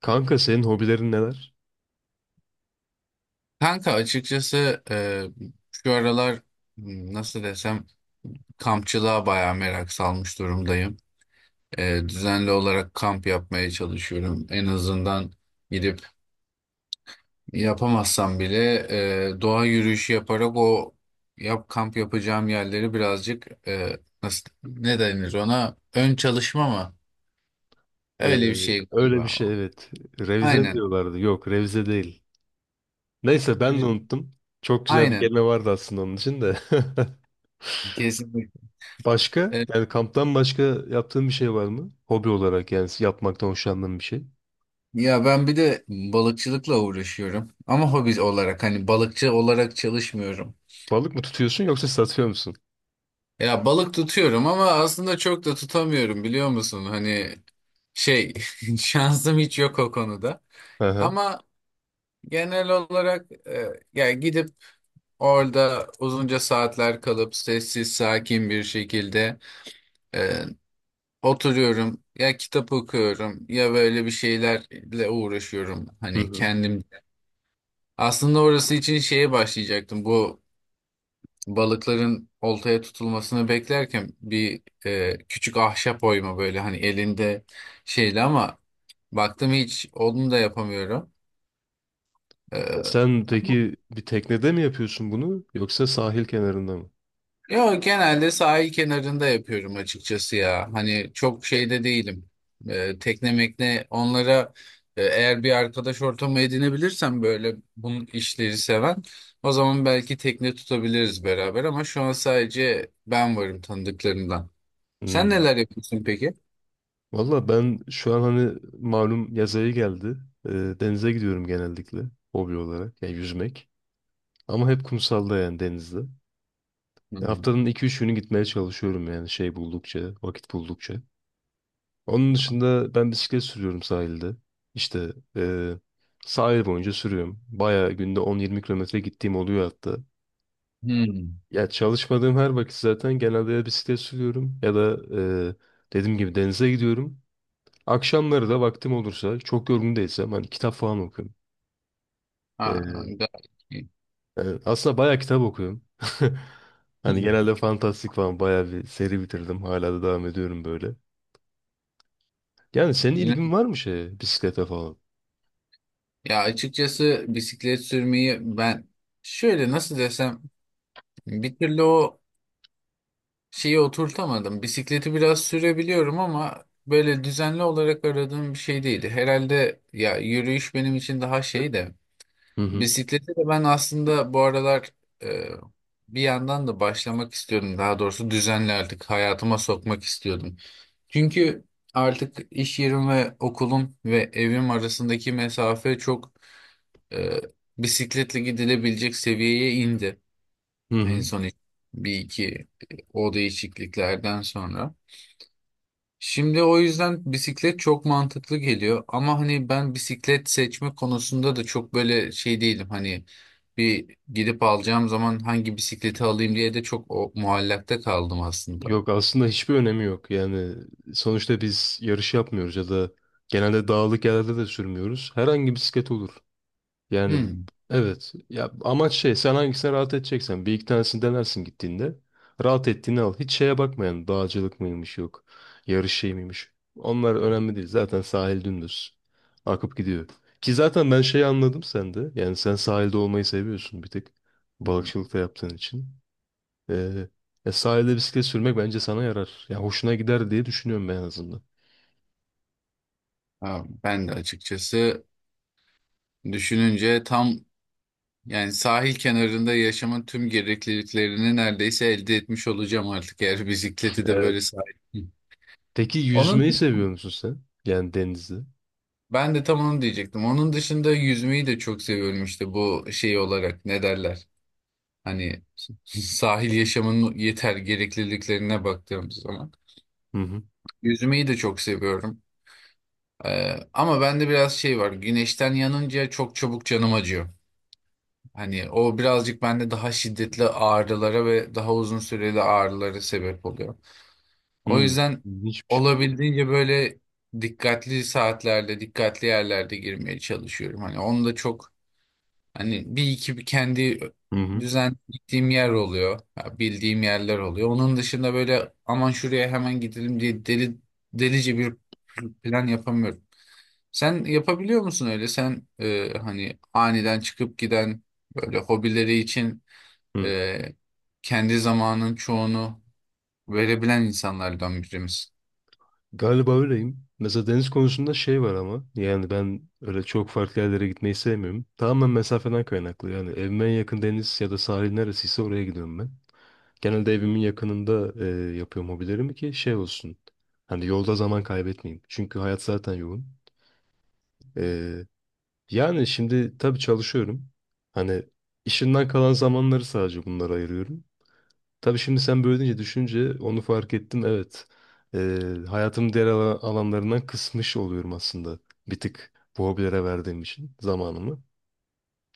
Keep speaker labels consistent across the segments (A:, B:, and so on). A: Kanka senin hobilerin neler?
B: Kanka, açıkçası şu aralar nasıl desem kampçılığa bayağı merak salmış durumdayım. Düzenli olarak kamp yapmaya çalışıyorum. En azından gidip yapamazsam bile doğa yürüyüşü yaparak o yap kamp yapacağım yerleri birazcık nasıl, ne denir ona, ön çalışma mı?
A: Ee,
B: Öyle bir şey
A: Öyle bir
B: galiba.
A: şey, evet. Revize mi
B: Aynen.
A: diyorlardı? Yok, revize değil. Neyse, ben de unuttum. Çok güzel bir
B: Aynen.
A: kelime vardı aslında onun için de.
B: Kesinlikle.
A: Başka? Yani kamptan başka yaptığın bir şey var mı? Hobi olarak, yani yapmaktan hoşlandığın bir şey.
B: Ya, ben bir de balıkçılıkla uğraşıyorum ama hobi olarak, hani balıkçı olarak çalışmıyorum.
A: Balık mı tutuyorsun yoksa satıyor musun?
B: Ya balık tutuyorum ama aslında çok da tutamıyorum, biliyor musun? Hani şey şansım hiç yok o konuda.
A: Hı hı.
B: Ama genel olarak ya gidip orada uzunca saatler kalıp sessiz sakin bir şekilde e, oturuyorum. Ya kitap okuyorum ya böyle bir şeylerle uğraşıyorum.
A: Hı
B: Hani
A: hı.
B: kendim aslında orası için şeye başlayacaktım, bu balıkların oltaya tutulmasını beklerken bir küçük ahşap oyma, böyle hani elinde şeyle, ama baktım hiç onu da yapamıyorum. E,
A: Sen peki bir teknede mi yapıyorsun bunu yoksa sahil kenarında mı?
B: Yo, genelde sahil kenarında yapıyorum açıkçası ya. Hani çok şeyde değilim. Tekne mekne onlara eğer bir arkadaş ortamı edinebilirsem, böyle bunun işleri seven, o zaman belki tekne tutabiliriz beraber, ama şu an sadece ben varım tanıdıklarımdan. Sen
A: Hmm.
B: neler yapıyorsun peki?
A: Valla ben şu an hani malum yaz ayı geldi. E, Denize gidiyorum genellikle hobi olarak. Yani yüzmek. Ama hep kumsalda, yani denizde.
B: Hmm.
A: Haftanın 2-3 günü gitmeye çalışıyorum, yani buldukça, vakit buldukça. Onun dışında ben bisiklet sürüyorum sahilde. İşte sahil boyunca sürüyorum. Bayağı günde 10-20 kilometre gittiğim oluyor hatta.
B: Hmm.
A: Ya çalışmadığım her vakit zaten genelde ya bisiklet sürüyorum ya da e, dediğim gibi denize gidiyorum. Akşamları da vaktim olursa, çok yorgun değilsem, hani kitap falan okuyorum.
B: Ha,
A: E,
B: gayet iyi.
A: Yani aslında bayağı kitap okuyorum.
B: Hı
A: Hani
B: hı.
A: genelde fantastik falan, bayağı bir seri bitirdim. Hala da devam ediyorum böyle. Yani senin
B: Öyle-
A: ilgin var mı şeye, bisiklete falan?
B: Ya açıkçası bisiklet sürmeyi ben, şöyle nasıl desem, bir türlü o şeyi oturtamadım. Bisikleti biraz sürebiliyorum ama böyle düzenli olarak aradığım bir şey değildi. Herhalde ya, yürüyüş benim için daha şey de...
A: Hı hı.
B: Bisiklete de ben aslında bu aralar e, bir yandan da başlamak istiyordum. Daha doğrusu düzenli artık hayatıma sokmak istiyordum. Çünkü artık iş yerim ve okulum ve evim arasındaki mesafe çok e, bisikletle gidilebilecek seviyeye indi.
A: Hı
B: En
A: hı.
B: son bir iki o değişikliklerden sonra. Şimdi o yüzden bisiklet çok mantıklı geliyor, ama hani ben bisiklet seçme konusunda da çok böyle şey değilim. Hani bir gidip alacağım zaman, hangi bisikleti alayım diye de çok muallakta kaldım aslında.
A: Yok, aslında hiçbir önemi yok. Yani sonuçta biz yarış yapmıyoruz ya da genelde dağlık yerlerde de sürmüyoruz. Herhangi bisiklet olur. Yani
B: Hmm.
A: evet ya, amaç şey, sen hangisine rahat edeceksen bir iki tanesini denersin gittiğinde, rahat ettiğini al. Hiç şeye bakmayan dağcılık mıymış, yok yarış şey miymiş. Onlar önemli değil, zaten sahil dümdüz akıp gidiyor. Ki zaten ben şeyi anladım sende, yani sen sahilde olmayı seviyorsun bir tek. Balıkçılık da yaptığın için. Ee, Sahilde bisiklet sürmek bence sana yarar. Yani hoşuna gider diye düşünüyorum ben en azından.
B: Ha, ben de açıkçası düşününce tam, yani sahil kenarında yaşamın tüm gerekliliklerini neredeyse elde etmiş olacağım artık, eğer bisikleti de
A: Evet.
B: böyle sahip.
A: Peki
B: Onun
A: yüzmeyi seviyor musun sen? Yani denizde.
B: Ben de tam onu diyecektim. Onun dışında yüzmeyi de çok seviyorum, işte bu şey olarak ne derler? Hani sahil yaşamının yeter gerekliliklerine baktığımız zaman.
A: Hı hı.
B: Yüzmeyi de çok seviyorum. Ama bende biraz şey var. Güneşten yanınca çok çabuk canım acıyor. Hani o birazcık bende daha şiddetli ağrılara ve daha uzun süreli ağrılara sebep oluyor. O
A: Hı.
B: yüzden
A: İlginçmiş.
B: olabildiğince böyle dikkatli saatlerde, dikkatli yerlerde girmeye çalışıyorum. Hani onu da çok... Hani bir iki, bir kendi
A: Hı hı.
B: düzen gittiğim yer oluyor. Ya bildiğim yerler oluyor. Onun dışında böyle, aman şuraya hemen gidelim diye, delice bir plan yapamıyorum. Sen yapabiliyor musun öyle? Sen hani aniden çıkıp giden böyle hobileri için
A: Hı.
B: e, kendi zamanın çoğunu verebilen insanlardan birimiz.
A: Galiba öyleyim. Mesela deniz konusunda şey var ama yani ben öyle çok farklı yerlere gitmeyi sevmiyorum. Tamamen mesafeden kaynaklı. Yani evime en yakın deniz ya da sahil neresiyse oraya gidiyorum ben. Genelde evimin yakınında yapıyorum hobilerimi, ki şey olsun. Hani yolda zaman kaybetmeyeyim. Çünkü hayat zaten yoğun. E, Yani şimdi tabii çalışıyorum. Hani işimden kalan zamanları sadece bunlara ayırıyorum. Tabii şimdi sen böyle deyince düşünce onu fark ettim. Evet. Ee, Hayatımın diğer alanlarından kısmış oluyorum aslında. Bir tık bu hobilere verdiğim için zamanımı.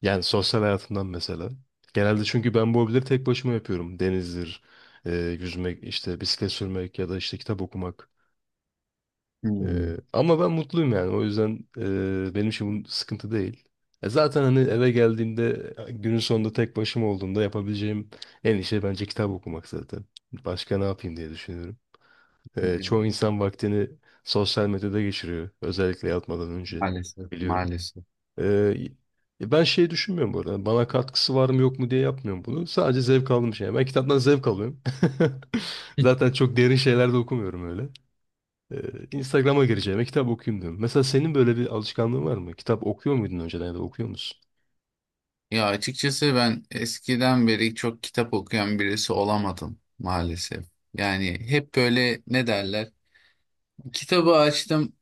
A: Yani sosyal hayatımdan mesela. Genelde çünkü ben bu hobileri tek başıma yapıyorum. Denizdir, e, yüzmek, işte bisiklet sürmek ya da işte kitap okumak.
B: Hmm.
A: Ama ben mutluyum yani. O yüzden benim için bu sıkıntı değil. Zaten hani eve geldiğimde, günün sonunda tek başıma olduğumda, yapabileceğim en iyi şey bence kitap okumak zaten. Başka ne yapayım diye düşünüyorum. Çoğu insan vaktini sosyal medyada geçiriyor. Özellikle yatmadan önce,
B: Maalesef,
A: biliyorum.
B: maalesef.
A: E, Ben şey düşünmüyorum bu arada. Bana katkısı var mı yok mu diye yapmıyorum bunu. Sadece zevk aldığım şey. Ben kitaptan zevk alıyorum. Zaten çok derin şeyler de okumuyorum öyle. Ee, Instagram'a gireceğime kitap okuyayım diyorum. Mesela senin böyle bir alışkanlığın var mı? Kitap okuyor muydun önceden ya da okuyor musun?
B: Ya açıkçası ben eskiden beri çok kitap okuyan birisi olamadım maalesef. Yani hep böyle, ne derler? Kitabı açtım,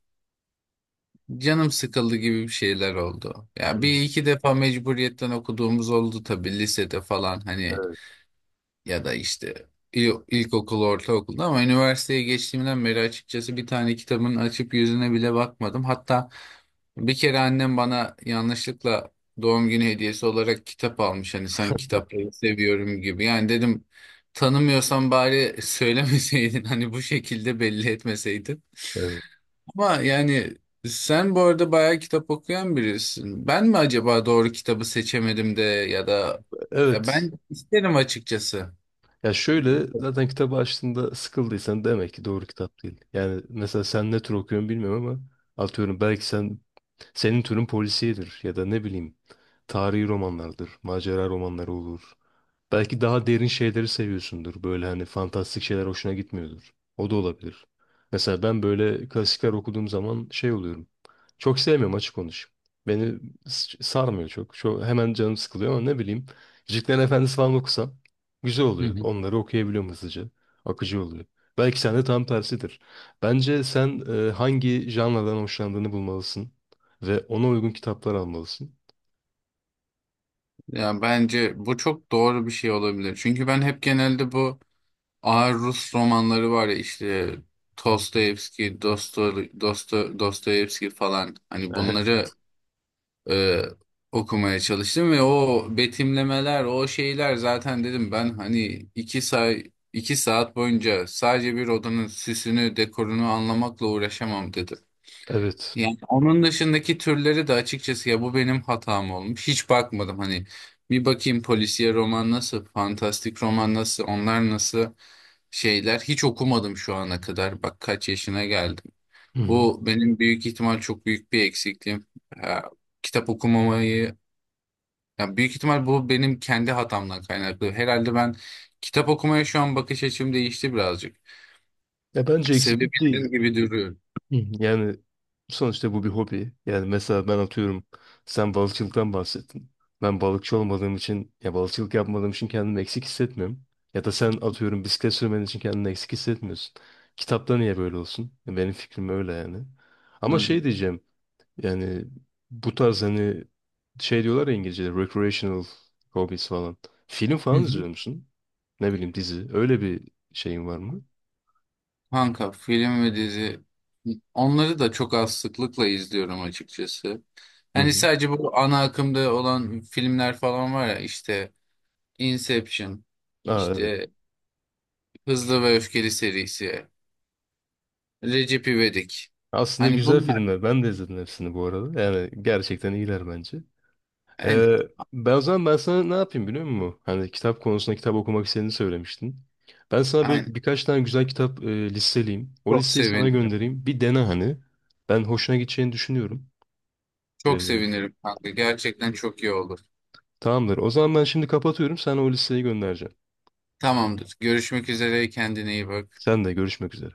B: canım sıkıldı gibi bir şeyler oldu. Ya bir
A: Hmm.
B: iki defa mecburiyetten okuduğumuz oldu tabii, lisede falan hani,
A: Evet,
B: ya da işte ilkokul, ortaokulda, ama üniversiteye geçtiğimden beri açıkçası bir tane kitabın açıp yüzüne bile bakmadım. Hatta bir kere annem bana yanlışlıkla doğum günü hediyesi olarak kitap almış. Hani sen kitapları seviyorum gibi. Yani dedim, tanımıyorsan bari söylemeseydin hani bu şekilde belli etmeseydin.
A: evet.
B: Ama yani sen bu arada bayağı kitap okuyan birisin. Ben mi acaba doğru kitabı seçemedim de, ya da ya
A: Evet.
B: ben isterim açıkçası.
A: Ya şöyle, zaten kitabı açtığında sıkıldıysan demek ki doğru kitap değil. Yani mesela sen ne tür okuyorsun bilmiyorum ama atıyorum belki sen, türün polisiyedir ya da ne bileyim tarihi romanlardır, macera romanları olur. Belki daha derin şeyleri seviyorsundur. Böyle hani fantastik şeyler hoşuna gitmiyordur. O da olabilir. Mesela ben böyle klasikler okuduğum zaman şey oluyorum. Çok sevmiyorum, açık konuşayım. Beni sarmıyor çok. Çok hemen canım sıkılıyor ama ne bileyim. Yüzüklerin Efendisi falan okusam güzel
B: Hı
A: oluyor.
B: hı.
A: Onları okuyabiliyorum hızlıca. Akıcı oluyor. Belki sende tam tersidir. Bence sen hangi janradan hoşlandığını bulmalısın ve ona uygun kitaplar almalısın.
B: Ya bence bu çok doğru bir şey olabilir. Çünkü ben hep genelde bu ağır Rus romanları var ya, işte Dostoyevski, Dostoyevski falan, hani
A: Evet.
B: bunları e, okumaya çalıştım ve o betimlemeler, o şeyler zaten, dedim ben hani iki saat boyunca sadece bir odanın süsünü, dekorunu anlamakla uğraşamam dedim.
A: Evet.
B: Yani onun dışındaki türleri de açıkçası, ya bu benim hatam olmuş. Hiç bakmadım, hani bir bakayım polisiye roman nasıl, fantastik roman nasıl, onlar nasıl şeyler, hiç okumadım şu ana kadar. Bak kaç yaşına geldim.
A: Hı hı.
B: Bu benim büyük ihtimal çok büyük bir eksikliğim. Ya, kitap okumamayı, ya büyük ihtimal bu benim kendi hatamdan kaynaklı. Herhalde ben kitap okumaya şu an bakış açım değişti birazcık.
A: Ya bence eksiklik değil.
B: Sevebilirim gibi duruyor.
A: Hı hı. Yani sonuçta bu bir hobi. Yani mesela ben atıyorum, sen balıkçılıktan bahsettin. Ben balıkçı olmadığım için, ya balıkçılık yapmadığım için, kendimi eksik hissetmiyorum. Ya da sen atıyorum, bisiklet sürmen için kendini eksik hissetmiyorsun. Kitapta niye böyle olsun? Ya benim fikrim öyle yani. Ama
B: Hı.
A: şey diyeceğim, yani bu tarz hani, şey diyorlar ya İngilizce'de, recreational hobbies falan. Film falan izliyor musun? Ne bileyim, dizi. Öyle bir şeyin var mı?
B: Kanka film ve dizi, onları da çok az sıklıkla izliyorum açıkçası.
A: Hı
B: Hani
A: hı.
B: sadece bu ana akımda olan filmler falan var ya, işte Inception,
A: Aa, evet.
B: işte Hızlı ve Öfkeli serisi, Recep İvedik.
A: Aslında
B: Hani
A: güzel
B: bunlar
A: filmler. Ben de izledim hepsini bu arada. Yani gerçekten iyiler bence.
B: aynen,
A: Ee, ben o zaman sana ne yapayım biliyor musun? Hani kitap konusunda, kitap okumak istediğini söylemiştin. Ben sana böyle
B: aynen.
A: birkaç tane güzel kitap listeleyeyim. O
B: Çok
A: listeyi sana
B: sevinirim.
A: göndereyim. Bir dene hani. Ben hoşuna gideceğini düşünüyorum. Ee,
B: Çok sevinirim kanka. Gerçekten çok iyi olur.
A: Tamamdır. O zaman ben şimdi kapatıyorum. Sana o listeyi göndereceğim.
B: Tamamdır. Görüşmek üzere. Kendine iyi bak.
A: Sen de görüşmek üzere.